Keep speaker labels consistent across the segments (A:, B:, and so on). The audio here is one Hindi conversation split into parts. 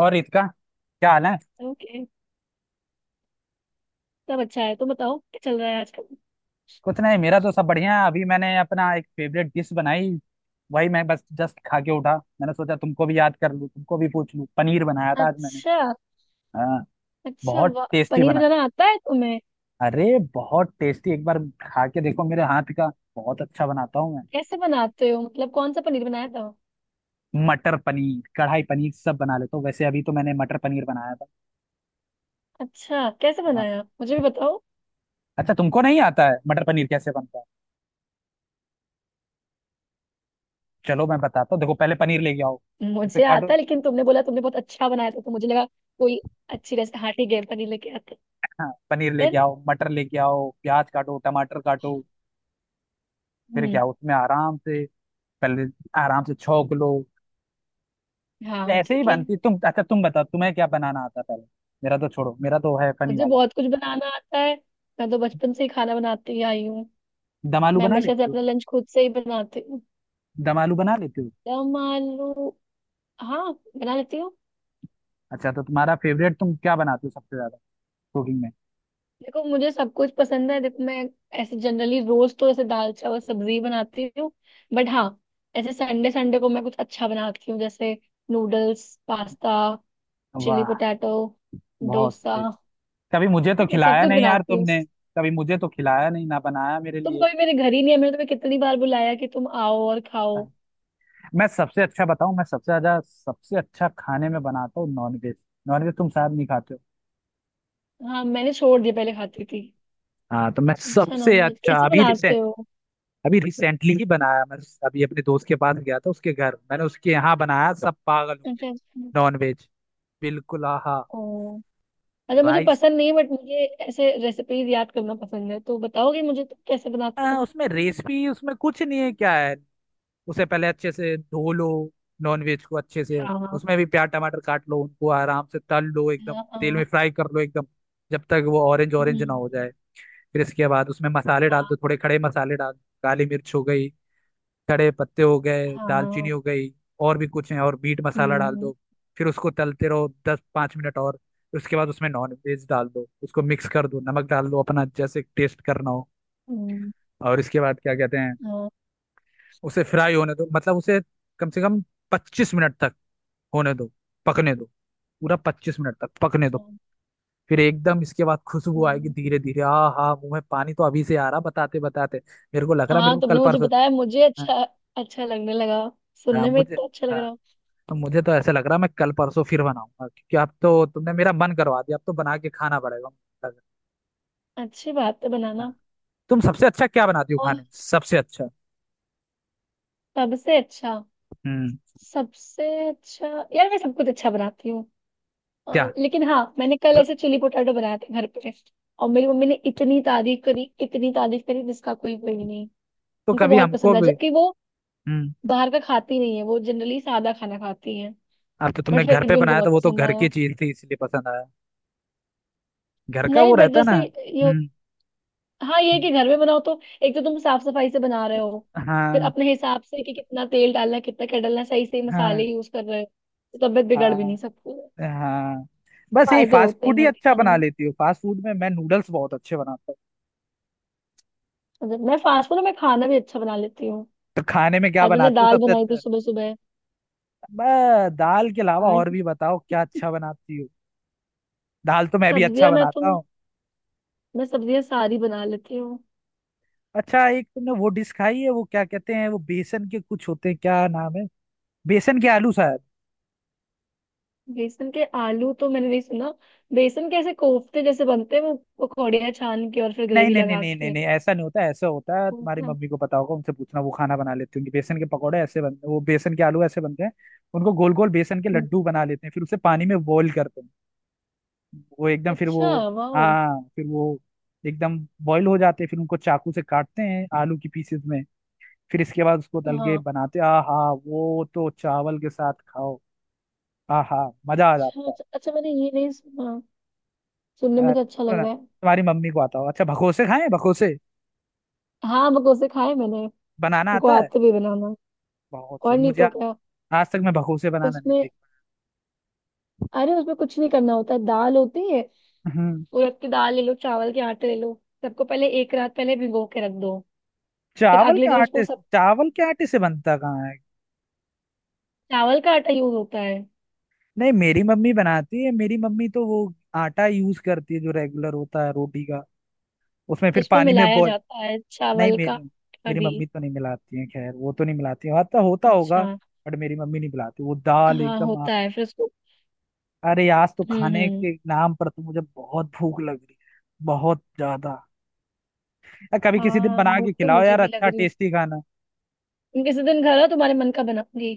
A: और ईद का क्या हाल है?
B: ओके। सब अच्छा है तो बताओ क्या चल रहा है आजकल।
A: कुछ नहीं, मेरा तो सब बढ़िया है। अभी मैंने अपना एक फेवरेट डिश बनाई। वही मैं बस जस्ट खा के उठा। मैंने सोचा तुमको भी याद कर लूँ, तुमको भी पूछ लूँ। पनीर बनाया था आज मैंने।
B: अच्छा।
A: हाँ।
B: अच्छा,
A: बहुत
B: वाह,
A: टेस्टी
B: पनीर
A: बना था।
B: बनाना आता है तुम्हें।
A: अरे, बहुत टेस्टी, एक बार खा के देखो मेरे हाथ का। बहुत अच्छा बनाता हूँ मैं।
B: कैसे बनाते हो? मतलब कौन सा पनीर बनाया था?
A: मटर पनीर, कढ़ाई पनीर, सब बना लेता हूँ। वैसे अभी तो मैंने मटर पनीर बनाया था।
B: अच्छा, कैसे
A: हाँ।
B: बनाया? मुझे भी बताओ।
A: अच्छा, तुमको नहीं आता है मटर पनीर कैसे बनता है? चलो मैं बताता हूँ। देखो पहले पनीर लेके आओ, उसे
B: मुझे
A: काटो।
B: आता है, लेकिन तुमने बोला तुमने बहुत अच्छा बनाया था तो मुझे लगा कोई अच्छी रेसिपी। हाँ, ठीक है, पनीर लेके आते।
A: हाँ, पनीर लेके
B: फिर।
A: आओ, मटर लेके आओ, प्याज काटो, टमाटर काटो। फिर
B: हम्म।
A: क्या, उसमें आराम से, पहले आराम से छौंक लो।
B: हाँ,
A: ऐसे ही
B: ठीक है।
A: बनती। तुम, अच्छा, तुम बताओ तुम्हें क्या बनाना आता है पहले? मेरा तो छोड़ो, मेरा तो है फनी
B: मुझे
A: वाला।
B: बहुत कुछ बनाना आता है। मैं तो बचपन से ही खाना बनाती ही आई हूँ।
A: दम आलू
B: मैं
A: बना
B: हमेशा से
A: लेते हो?
B: अपना लंच खुद से ही बनाती हूँ।
A: दम आलू बना लेते हो?
B: दम आलू? हाँ, बना लेती हूँ।
A: अच्छा, तो तुम्हारा फेवरेट, तुम क्या बनाते हो सबसे ज्यादा कुकिंग में?
B: देखो, मुझे सब कुछ पसंद है। देखो, मैं ऐसे जनरली रोज तो ऐसे दाल चावल सब्जी बनाती हूँ। बट हाँ, ऐसे संडे संडे को मैं कुछ अच्छा बनाती हूँ, जैसे नूडल्स, पास्ता, चिली
A: वाह,
B: पोटैटो,
A: बहुत
B: डोसा।
A: सही। कभी मुझे तो
B: ठीक है, सब
A: खिलाया
B: कुछ
A: नहीं यार
B: बनाती हूँ।
A: तुमने। कभी मुझे तो खिलाया नहीं, ना बनाया मेरे
B: तुम
A: लिए।
B: कभी मेरे घर ही नहीं है। मैंने तुम्हें कितनी बार बुलाया कि तुम आओ और खाओ।
A: मैं सबसे अच्छा बताऊं, मैं सबसे ज्यादा, सबसे अच्छा खाने में बनाता हूँ नॉनवेज। नॉनवेज तुम शायद नहीं खाते हो।
B: हाँ, मैंने छोड़ दिया, पहले खाती थी।
A: हाँ, तो मैं
B: अच्छा,
A: सबसे
B: नॉनवेज
A: अच्छा
B: कैसे बनाते हो?
A: अभी रिसेंटली ही बनाया मैं। अभी अपने दोस्त के पास गया था, उसके घर मैंने उसके यहाँ बनाया, सब पागल हो गए।
B: अच्छा, अच्छा।
A: नॉन वेज, बिल्कुल आहा।
B: ओ। अच्छा, मुझे
A: राइस।
B: पसंद नहीं है बट मुझे ऐसे रेसिपीज याद करना पसंद है। तो बताओगे मुझे तुम कैसे बनाते हो?
A: उसमें रेसिपी, उसमें कुछ नहीं है, क्या है। उसे पहले अच्छे से धो लो, नॉन वेज को अच्छे से। उसमें भी प्याज टमाटर काट लो, उनको आराम से तल लो एकदम, तेल में फ्राई कर लो एकदम। जब तक वो ऑरेंज ऑरेंज ना हो जाए। फिर इसके बाद उसमें मसाले डाल दो, थोड़े खड़े मसाले डाल दो, काली मिर्च हो गई, खड़े पत्ते हो गए, दालचीनी हो गई, और भी कुछ है, और मीट मसाला डाल
B: 好的哦，嗯，好好，嗯嗯嗯嗯嗯हाँ।
A: दो। फिर उसको तलते रहो 10 5 मिनट और। उसके बाद उसमें नॉन वेज डाल दो, उसको मिक्स कर दो, नमक डाल दो अपना जैसे टेस्ट करना हो। और इसके बाद क्या कहते हैं, उसे फ्राई होने दो, मतलब उसे कम से कम 25 मिनट तक होने दो, पकने दो। पूरा 25 मिनट तक पकने दो। फिर एकदम इसके बाद खुशबू आएगी धीरे धीरे। आ हाँ, मुंह में पानी तो अभी से आ रहा, बताते बताते। मेरे को लग रहा, मेरे को कल
B: तुमने मुझे
A: परसों।
B: बताया, मुझे अच्छा
A: हाँ।
B: अच्छा लगने लगा।
A: हाँ,
B: सुनने में
A: मुझे।
B: इतना अच्छा लग
A: हाँ,
B: रहा।
A: तो मुझे तो ऐसा लग रहा है मैं कल परसों फिर बनाऊंगा क्योंकि अब तो तुमने मेरा मन करवा दिया, अब तो बना के खाना पड़ेगा मुझे लग
B: अच्छी बात है,
A: रहा है।
B: बनाना।
A: हाँ। तुम सबसे अच्छा क्या बनाती हो
B: और
A: खाने में? सबसे अच्छा?
B: सबसे अच्छा,
A: हम्म।
B: सबसे अच्छा। यार, मैं सब कुछ अच्छा बनाती हूँ। अ,
A: क्या?
B: लेकिन हाँ, मैंने कल
A: स-
B: ऐसे चिली पोटैटो बनाए थे घर पे। और मेरी मम्मी ने इतनी तारीफ करी, इतनी तारीफ करी, जिसका कोई, कोई नहीं।
A: तो
B: उनको
A: कभी
B: बहुत
A: हमको
B: पसंद आया,
A: भी?
B: जबकि वो
A: हम्म।
B: बाहर का खाती नहीं है, वो जनरली सादा खाना खाती है।
A: अब तो तुमने
B: बट
A: घर
B: फिर
A: पे
B: भी उनको
A: बनाया तो
B: बहुत
A: वो तो
B: पसंद
A: घर की
B: आया।
A: चीज थी इसलिए पसंद आया। घर का
B: नहीं,
A: वो
B: बट
A: रहता ना। हम्म।
B: हाँ ये है
A: हम्म,
B: कि घर में बनाओ तो एक तो तुम साफ सफाई से बना रहे हो। फिर
A: हाँ।
B: अपने हिसाब से कि कितना तेल डालना है कितना क्या डालना है, सही सही मसाले
A: हाँ
B: यूज कर रहे हो। तो तबीयत बिगड़ भी नहीं
A: हाँ
B: सकती है।
A: हाँ। बस यही
B: फायदे
A: फास्ट
B: होते
A: फूड
B: हैं
A: ही
B: घर के
A: अच्छा
B: खाने
A: बना
B: में।
A: लेती हो। फास्ट फूड में मैं नूडल्स बहुत अच्छे बनाता हूँ।
B: मैं फास्ट फूड में खाना भी अच्छा बना लेती हूँ।
A: तो खाने में क्या
B: आज मैंने
A: बनाती हो
B: दाल
A: सबसे
B: बनाई थी,
A: अच्छा?
B: सुबह सुबह।
A: दाल के अलावा
B: और
A: और भी बताओ क्या अच्छा बनाती हो। दाल तो मैं भी अच्छा
B: सब्जियां,
A: बनाता हूँ।
B: मैं सब्जियां सारी बना लेती हूँ।
A: अच्छा, एक, तुमने वो डिश खाई है वो क्या कहते हैं, वो बेसन के कुछ होते हैं, क्या नाम है? बेसन के आलू शायद।
B: बेसन के आलू तो मैंने नहीं सुना। बेसन के ऐसे कोफ्ते जैसे बनते हैं वो, पकौड़ियाँ छान के और फिर
A: नहीं
B: ग्रेवी
A: नहीं नहीं
B: लगा
A: नहीं नहीं नहीं, ऐसा नहीं होता, ऐसा होता है। तुम्हारी
B: के।
A: मम्मी को पता होगा, उनसे पूछना, वो खाना बना लेती होंगी। बेसन के पकौड़े ऐसे बनते हैं, वो बेसन के आलू ऐसे बनते हैं। उनको गोल गोल बेसन के लड्डू बना लेते हैं, फिर उसे पानी में बॉईल करते हैं। वो एकदम, फिर वो।
B: अच्छा, वाओ।
A: हाँ, फिर वो एकदम बॉईल हो जाते हैं, फिर उनको चाकू से काटते हैं आलू की पीसेस में। फिर इसके बाद उसको तल के
B: हाँ।
A: बनाते, आहा। वो तो चावल के साथ खाओ, आहा, मजा आ
B: अच्छा,
A: जाता
B: अच्छा, अच्छा, मैंने ये नहीं सुना। सुनने
A: है।
B: में तो अच्छा
A: तो
B: लग
A: ना,
B: रहा है।
A: तुम्हारी मम्मी को आता हो। अच्छा, भगोसे खाए? भगोसे
B: हाँ, मकोसे खाए, मैंने
A: बनाना
B: मेरे को
A: आता है?
B: आते भी बनाना।
A: बहुत
B: और
A: सही।
B: नहीं तो क्या।
A: आज तक मैं भगोसे बनाना नहीं
B: उसमें
A: सीखा।
B: अरे, उसमें कुछ नहीं करना होता है, दाल होती है।
A: हम्म।
B: उड़द की दाल ले लो, चावल के आटे ले लो। सबको पहले, एक रात पहले भिगो के रख दो। फिर अगले दिन उसको सब,
A: चावल के आटे से बनता कहाँ है?
B: चावल का आटा यूज होता है।
A: नहीं, मेरी मम्मी बनाती है, मेरी मम्मी तो वो आटा यूज करती है जो रेगुलर होता है रोटी का। उसमें फिर
B: उसमें
A: पानी में
B: मिलाया
A: बॉय।
B: जाता है
A: नहीं
B: चावल का
A: मेरी
B: आटा
A: मेरी
B: भी।
A: मम्मी तो नहीं मिलाती है, खैर वो तो नहीं मिलाती है, होता होता होगा।
B: अच्छा,
A: बट मेरी मम्मी नहीं मिलाती, वो दाल
B: हाँ
A: एकदम।
B: होता है फिर उसको।
A: अरे, आज तो
B: हम्म,
A: खाने
B: हम्म।
A: के नाम पर तो मुझे बहुत भूख लग रही है, बहुत ज्यादा। यार कभी किसी दिन
B: हाँ,
A: बना के
B: भूख तो
A: खिलाओ
B: मुझे
A: यार,
B: भी लग
A: अच्छा
B: रही है।
A: टेस्टी खाना।
B: तुम किसी दिन घर आओ, तुम्हारे मन का बनाऊंगी।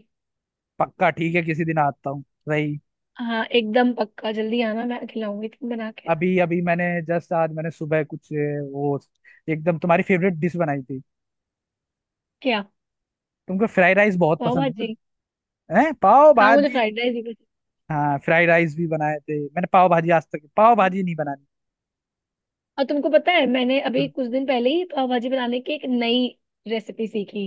A: पक्का, ठीक है, किसी दिन आता हूँ रही।
B: हाँ, एकदम पक्का, जल्दी आना, मैं खिलाऊंगी तुम बना के।
A: अभी अभी मैंने जस्ट आज मैंने सुबह कुछ वो एकदम तुम्हारी फेवरेट डिश बनाई थी।
B: क्या?
A: तुमको फ्राइड राइस बहुत
B: पाव
A: पसंद है
B: भाजी।
A: ना? है पाव
B: हाँ, मुझे
A: भाजी।
B: फ्राइड राइस भी पसंद
A: हाँ, फ्राइड राइस भी बनाए थे मैंने, पाव भाजी आज तक पाव
B: है।
A: भाजी नहीं बनानी।
B: और तुमको पता है मैंने अभी
A: हम्म।
B: कुछ दिन पहले ही पाव भाजी बनाने की एक नई रेसिपी सीखी।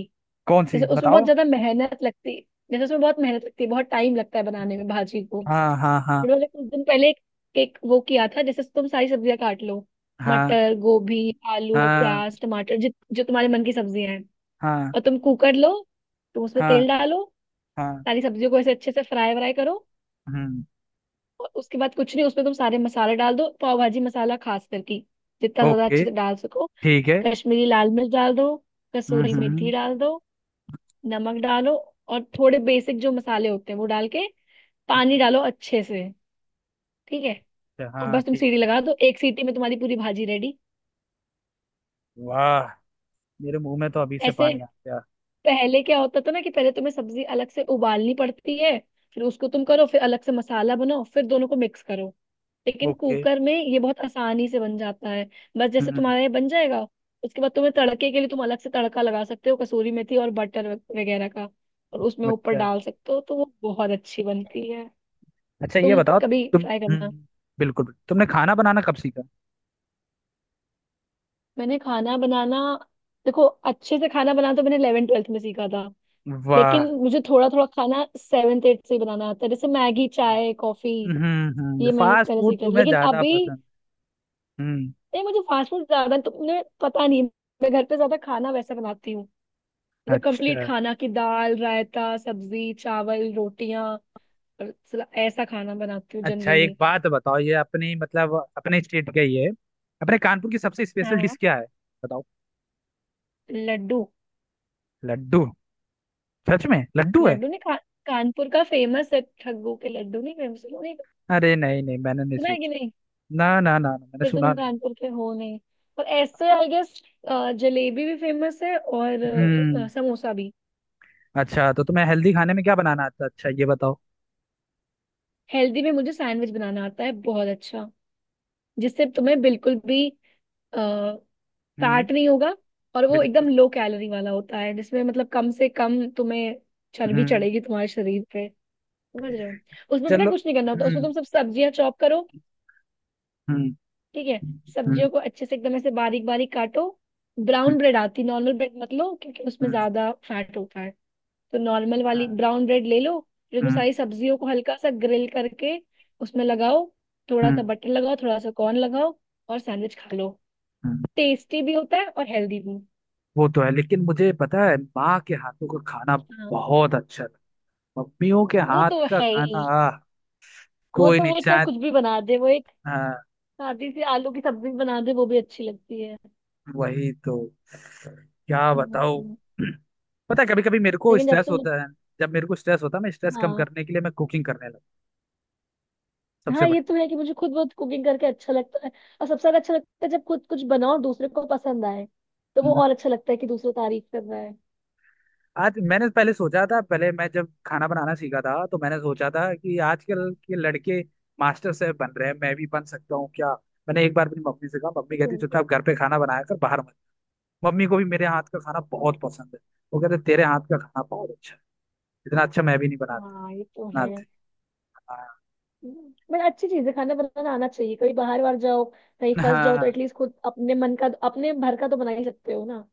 A: कौन सी
B: जैसे उसमें बहुत
A: बताओ?
B: ज्यादा मेहनत लगती है। जैसे उसमें बहुत मेहनत लगती है, बहुत टाइम लगता है बनाने में भाजी को। फिर
A: हाँ हाँ हाँ
B: मैंने कुछ दिन पहले एक वो किया था, जैसे तुम सारी सब्जियां काट लो।
A: हाँ
B: मटर, गोभी, आलू,
A: हाँ
B: प्याज, टमाटर, जित जो तुम्हारे मन की सब्जियां हैं।
A: हाँ
B: और तुम कुकर लो, तुम उसमें
A: हाँ
B: तेल डालो।
A: हाँ।
B: सारी सब्जियों को ऐसे अच्छे से फ्राई व्राई करो।
A: हम्म।
B: और उसके बाद कुछ नहीं, उसमें तुम सारे मसाले डाल दो, पाव भाजी मसाला खास करके, जितना ज्यादा
A: ओके,
B: अच्छे से डाल सको।
A: ठीक है।
B: कश्मीरी लाल मिर्च डाल दो,
A: हम्म,
B: कसूरी
A: ऐसा,
B: मेथी
A: इसलिए।
B: डाल दो, नमक डालो, और थोड़े बेसिक जो मसाले होते हैं वो डाल के पानी
A: अच्छा,
B: डालो अच्छे से। ठीक है।
A: अच्छा,
B: और
A: हाँ
B: बस तुम
A: ठीक
B: सीटी
A: है।
B: लगा दो, एक सीटी में तुम्हारी पूरी भाजी रेडी।
A: वाह, मेरे मुंह में तो अभी से
B: ऐसे
A: पानी आ गया।
B: पहले क्या होता था ना कि पहले तुम्हें सब्जी अलग से उबालनी पड़ती है, फिर उसको तुम करो, फिर अलग से मसाला बनाओ, फिर दोनों को मिक्स करो। लेकिन
A: ओके।
B: कुकर में ये बहुत आसानी से बन जाता है। बस जैसे
A: हम्म।
B: तुम्हारा ये बन जाएगा, उसके बाद तुम्हें तड़के के लिए तुम अलग से तड़का लगा सकते हो, कसूरी मेथी और बटर वगैरह का, और उसमें ऊपर
A: अच्छा,
B: डाल सकते हो, तो वो बहुत अच्छी बनती है।
A: अच्छा ये
B: तुम
A: बताओ,
B: कभी
A: तुम।
B: ट्राई
A: हम्म।
B: करना।
A: बिल्कुल बिल्कुल। तुमने खाना बनाना कब सीखा?
B: मैंने खाना बनाना देखो, अच्छे से खाना बनाना तो मैंने इलेवन ट्वेल्थ में सीखा था।
A: वाह।
B: लेकिन मुझे थोड़ा थोड़ा खाना सेवेंथ एट से ही बनाना आता है, जैसे मैगी, चाय, कॉफी।
A: हम्म।
B: ये मैंने
A: फास्ट
B: तरह
A: फूड
B: से किया,
A: तुम्हें
B: लेकिन
A: ज्यादा
B: अभी
A: पसंद? हम्म।
B: नहीं। मुझे फास्ट फूड ज्यादा तो मुझे पता नहीं। मैं घर पे ज्यादा खाना वैसा बनाती हूँ, मतलब कंप्लीट
A: अच्छा,
B: खाना की दाल, रायता, सब्जी, चावल, रोटियां, और ऐसा खाना बनाती हूँ
A: अच्छा एक
B: जनरली।
A: बात बताओ, ये अपनी मतलब अपने स्टेट का ही है। अपने कानपुर की सबसे
B: हाँ,
A: स्पेशल डिश
B: हाँ।
A: क्या है? बताओ।
B: लड्डू।
A: लड्डू? सच में लड्डू है?
B: लड्डू नहीं खा? कानपुर का फेमस है ठग्गू के लड्डू, नहीं फेमस, नहीं
A: अरे नहीं नहीं, मैंने नहीं
B: सुना है कि
A: सोचा।
B: नहीं?
A: ना ना ना, ना मैंने
B: फिर तो
A: सुना
B: तुम
A: नहीं।
B: कानपुर के हो नहीं, पर ऐसे आई गेस। जलेबी भी फेमस है, और
A: हम्म।
B: समोसा भी।
A: अच्छा, तो तुम्हें हेल्दी खाने में क्या बनाना आता है? अच्छा ये बताओ।
B: हेल्दी में मुझे सैंडविच बनाना आता है बहुत अच्छा, जिससे तुम्हें बिल्कुल भी
A: हम्म।
B: फैट नहीं होगा। और वो एकदम
A: बिल्कुल।
B: लो कैलोरी वाला होता है, जिसमें मतलब कम से कम तुम्हें चर्बी
A: हम्म।
B: चढ़ेगी तुम्हारे शरीर पे। समझ रहे हो? उसमें पता है,
A: चलो।
B: कुछ नहीं करना होता, उसमें
A: हम्म।
B: तुम सब सब्जियां चॉप करो।
A: हम्म।
B: ठीक है।
A: हम्म।
B: सब्जियों को अच्छे से एकदम ऐसे बारीक बारीक काटो।
A: हम्म।
B: ब्राउन ब्रेड आती, नॉर्मल ब्रेड मत लो क्योंकि उसमें
A: हम्म।
B: ज्यादा फैट होता है, तो नॉर्मल
A: हाँ,
B: वाली ब्राउन ब्रेड ले लो। फिर उसमें
A: हम्म,
B: सारी सब्जियों को हल्का सा ग्रिल करके उसमें लगाओ। थोड़ा सा
A: हम्म,
B: बटर लगाओ, थोड़ा सा कॉर्न लगाओ, और सैंडविच खा लो।
A: हम्म।
B: टेस्टी भी होता है और हेल्दी भी।
A: वो तो है, लेकिन मुझे पता है माँ के हाथों का खाना
B: हाँ,
A: बहुत अच्छा था। मम्मियों के
B: वो
A: हाथ
B: तो
A: का
B: है
A: खाना,
B: ही।
A: आह।
B: वो
A: कोई
B: तो
A: नहीं
B: वो चाहे
A: चाहे।
B: कुछ भी बना दे, वो एक
A: हाँ,
B: सादी सी आलू की सब्जी बना दे वो भी अच्छी लगती है।
A: वही तो। क्या बताओ।
B: हम्म,
A: पता है, कभी कभी मेरे को
B: लेकिन जब
A: स्ट्रेस
B: से मुझे।
A: होता है। जब मेरे को स्ट्रेस होता है मैं स्ट्रेस कम
B: हाँ,
A: करने के लिए मैं कुकिंग करने लगा। सबसे
B: हाँ, ये तो है कि मुझे खुद बहुत कुकिंग करके अच्छा लगता है। और सबसे ज्यादा अच्छा लगता है जब खुद कुछ बनाओ और दूसरे को पसंद आए, तो वो
A: बड़ी।
B: और अच्छा लगता है कि दूसरा तारीफ कर रहा है।
A: आज मैंने पहले सोचा था, पहले मैं जब खाना बनाना सीखा था तो मैंने सोचा था कि आजकल
B: हाँ,
A: के लड़के मास्टर शेफ बन रहे हैं, मैं भी बन सकता हूँ क्या। मैंने एक बार अपनी मम्मी से कहा, मम्मी
B: ये
A: कहती
B: तो-
A: चुपचाप घर पे खाना बनाया कर, बाहर मत। मम्मी को भी मेरे हाथ का खाना
B: है।
A: बहुत पसंद है। वो कहते तेरे हाथ का खाना बहुत अच्छा है, इतना अच्छा मैं भी नहीं बनाता।
B: हाँ, ये तो
A: इतना
B: है,
A: अच्छा-
B: बट अच्छी चीज है, खाना बनाना आना चाहिए। कभी बाहर बाहर जाओ, कहीं फंस जाओ तो
A: हाँ,
B: एटलीस्ट खुद अपने मन का, अपने भर का तो बना ही सकते हो ना।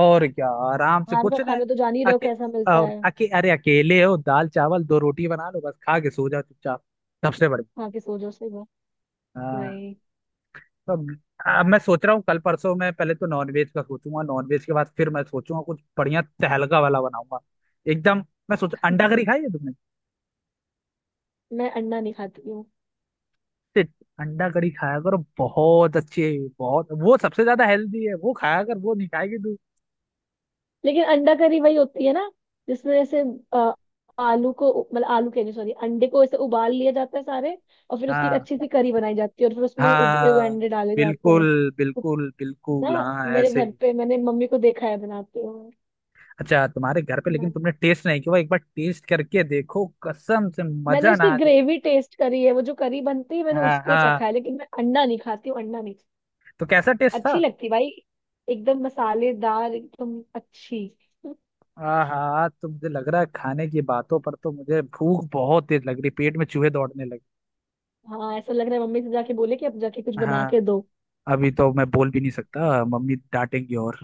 A: और क्या, आराम से
B: बाहर का
A: कुछ नहीं।
B: खाना तो जान ही रहे हो
A: अके,
B: कैसा मिलता
A: और
B: है,
A: अरे, अकेले हो, दाल चावल दो रोटी बना लो बस, खा के सो जाओ चुपचाप। सबसे बढ़िया।
B: वहां के सोचो से।
A: हाँ।
B: वही।
A: तो अब मैं सोच रहा हूँ कल परसों मैं पहले तो नॉनवेज का सोचूंगा, नॉनवेज के बाद फिर मैं सोचूंगा कुछ बढ़िया तहलका वाला बनाऊंगा एकदम। मैं सोच, अंडा करी खाई है तुमने?
B: मैं अंडा नहीं खाती।
A: शिट। अंडा करी खाया करो, बहुत अच्छी है, बहुत वो सबसे ज्यादा हेल्दी है, वो खाया कर, वो नहीं खाएगी तू।
B: लेकिन अंडा करी वही होती है ना, जिसमें जैसे अ, आलू को, मतलब आलू कह रही, सॉरी, अंडे को ऐसे उबाल लिया जाता है सारे। और फिर उसकी एक
A: हाँ
B: अच्छी सी करी बनाई जाती है और फिर उसमें उबले हुए
A: हाँ,
B: अंडे डाले जाते हैं।
A: बिल्कुल
B: तो
A: बिल्कुल बिल्कुल,
B: ना,
A: हाँ
B: मेरे
A: ऐसे
B: घर
A: ही।
B: पे मैंने मम्मी को देखा है बनाते हुए।
A: अच्छा, तुम्हारे घर पे लेकिन
B: मैं-
A: तुमने टेस्ट नहीं किया, एक बार टेस्ट करके देखो कसम से,
B: मैंने
A: मजा ना
B: उसकी
A: आ जाए।
B: ग्रेवी टेस्ट करी है, वो जो करी बनती है मैंने
A: हाँ
B: उसको चखा
A: हाँ,
B: है, लेकिन मैं अंडा नहीं खाती हूँ, अंडा नहीं।
A: तो कैसा टेस्ट
B: अच्छी
A: था?
B: लगती भाई, एकदम मसालेदार, एकदम अच्छी।
A: हाँ हाँ, तो मुझे लग रहा है खाने की बातों पर तो मुझे भूख बहुत तेज लग रही, पेट में चूहे दौड़ने लगे।
B: हाँ, ऐसा लग रहा है मम्मी से जाके बोले कि अब जाके कुछ
A: हाँ,
B: बना के दो।
A: अभी तो मैं बोल भी नहीं सकता मम्मी डांटेंगी, और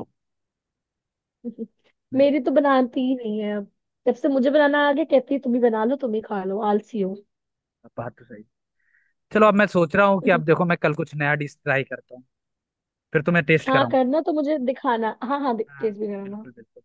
A: हम्म,
B: मेरी तो बनाती ही नहीं है अब, जब से मुझे बनाना आ गया कहती है तुम ही बना लो, तुम ही खा लो, आलसी हो।
A: बात तो सही। चलो अब मैं सोच रहा हूँ कि अब देखो मैं कल कुछ नया डिश ट्राई करता हूँ, फिर तुम्हें टेस्ट
B: हाँ,
A: कराऊँ।
B: करना तो, मुझे दिखाना, हाँ हाँ,
A: हाँ,
B: टेस्ट भी कराना।
A: बिल्कुल बिल्कुल।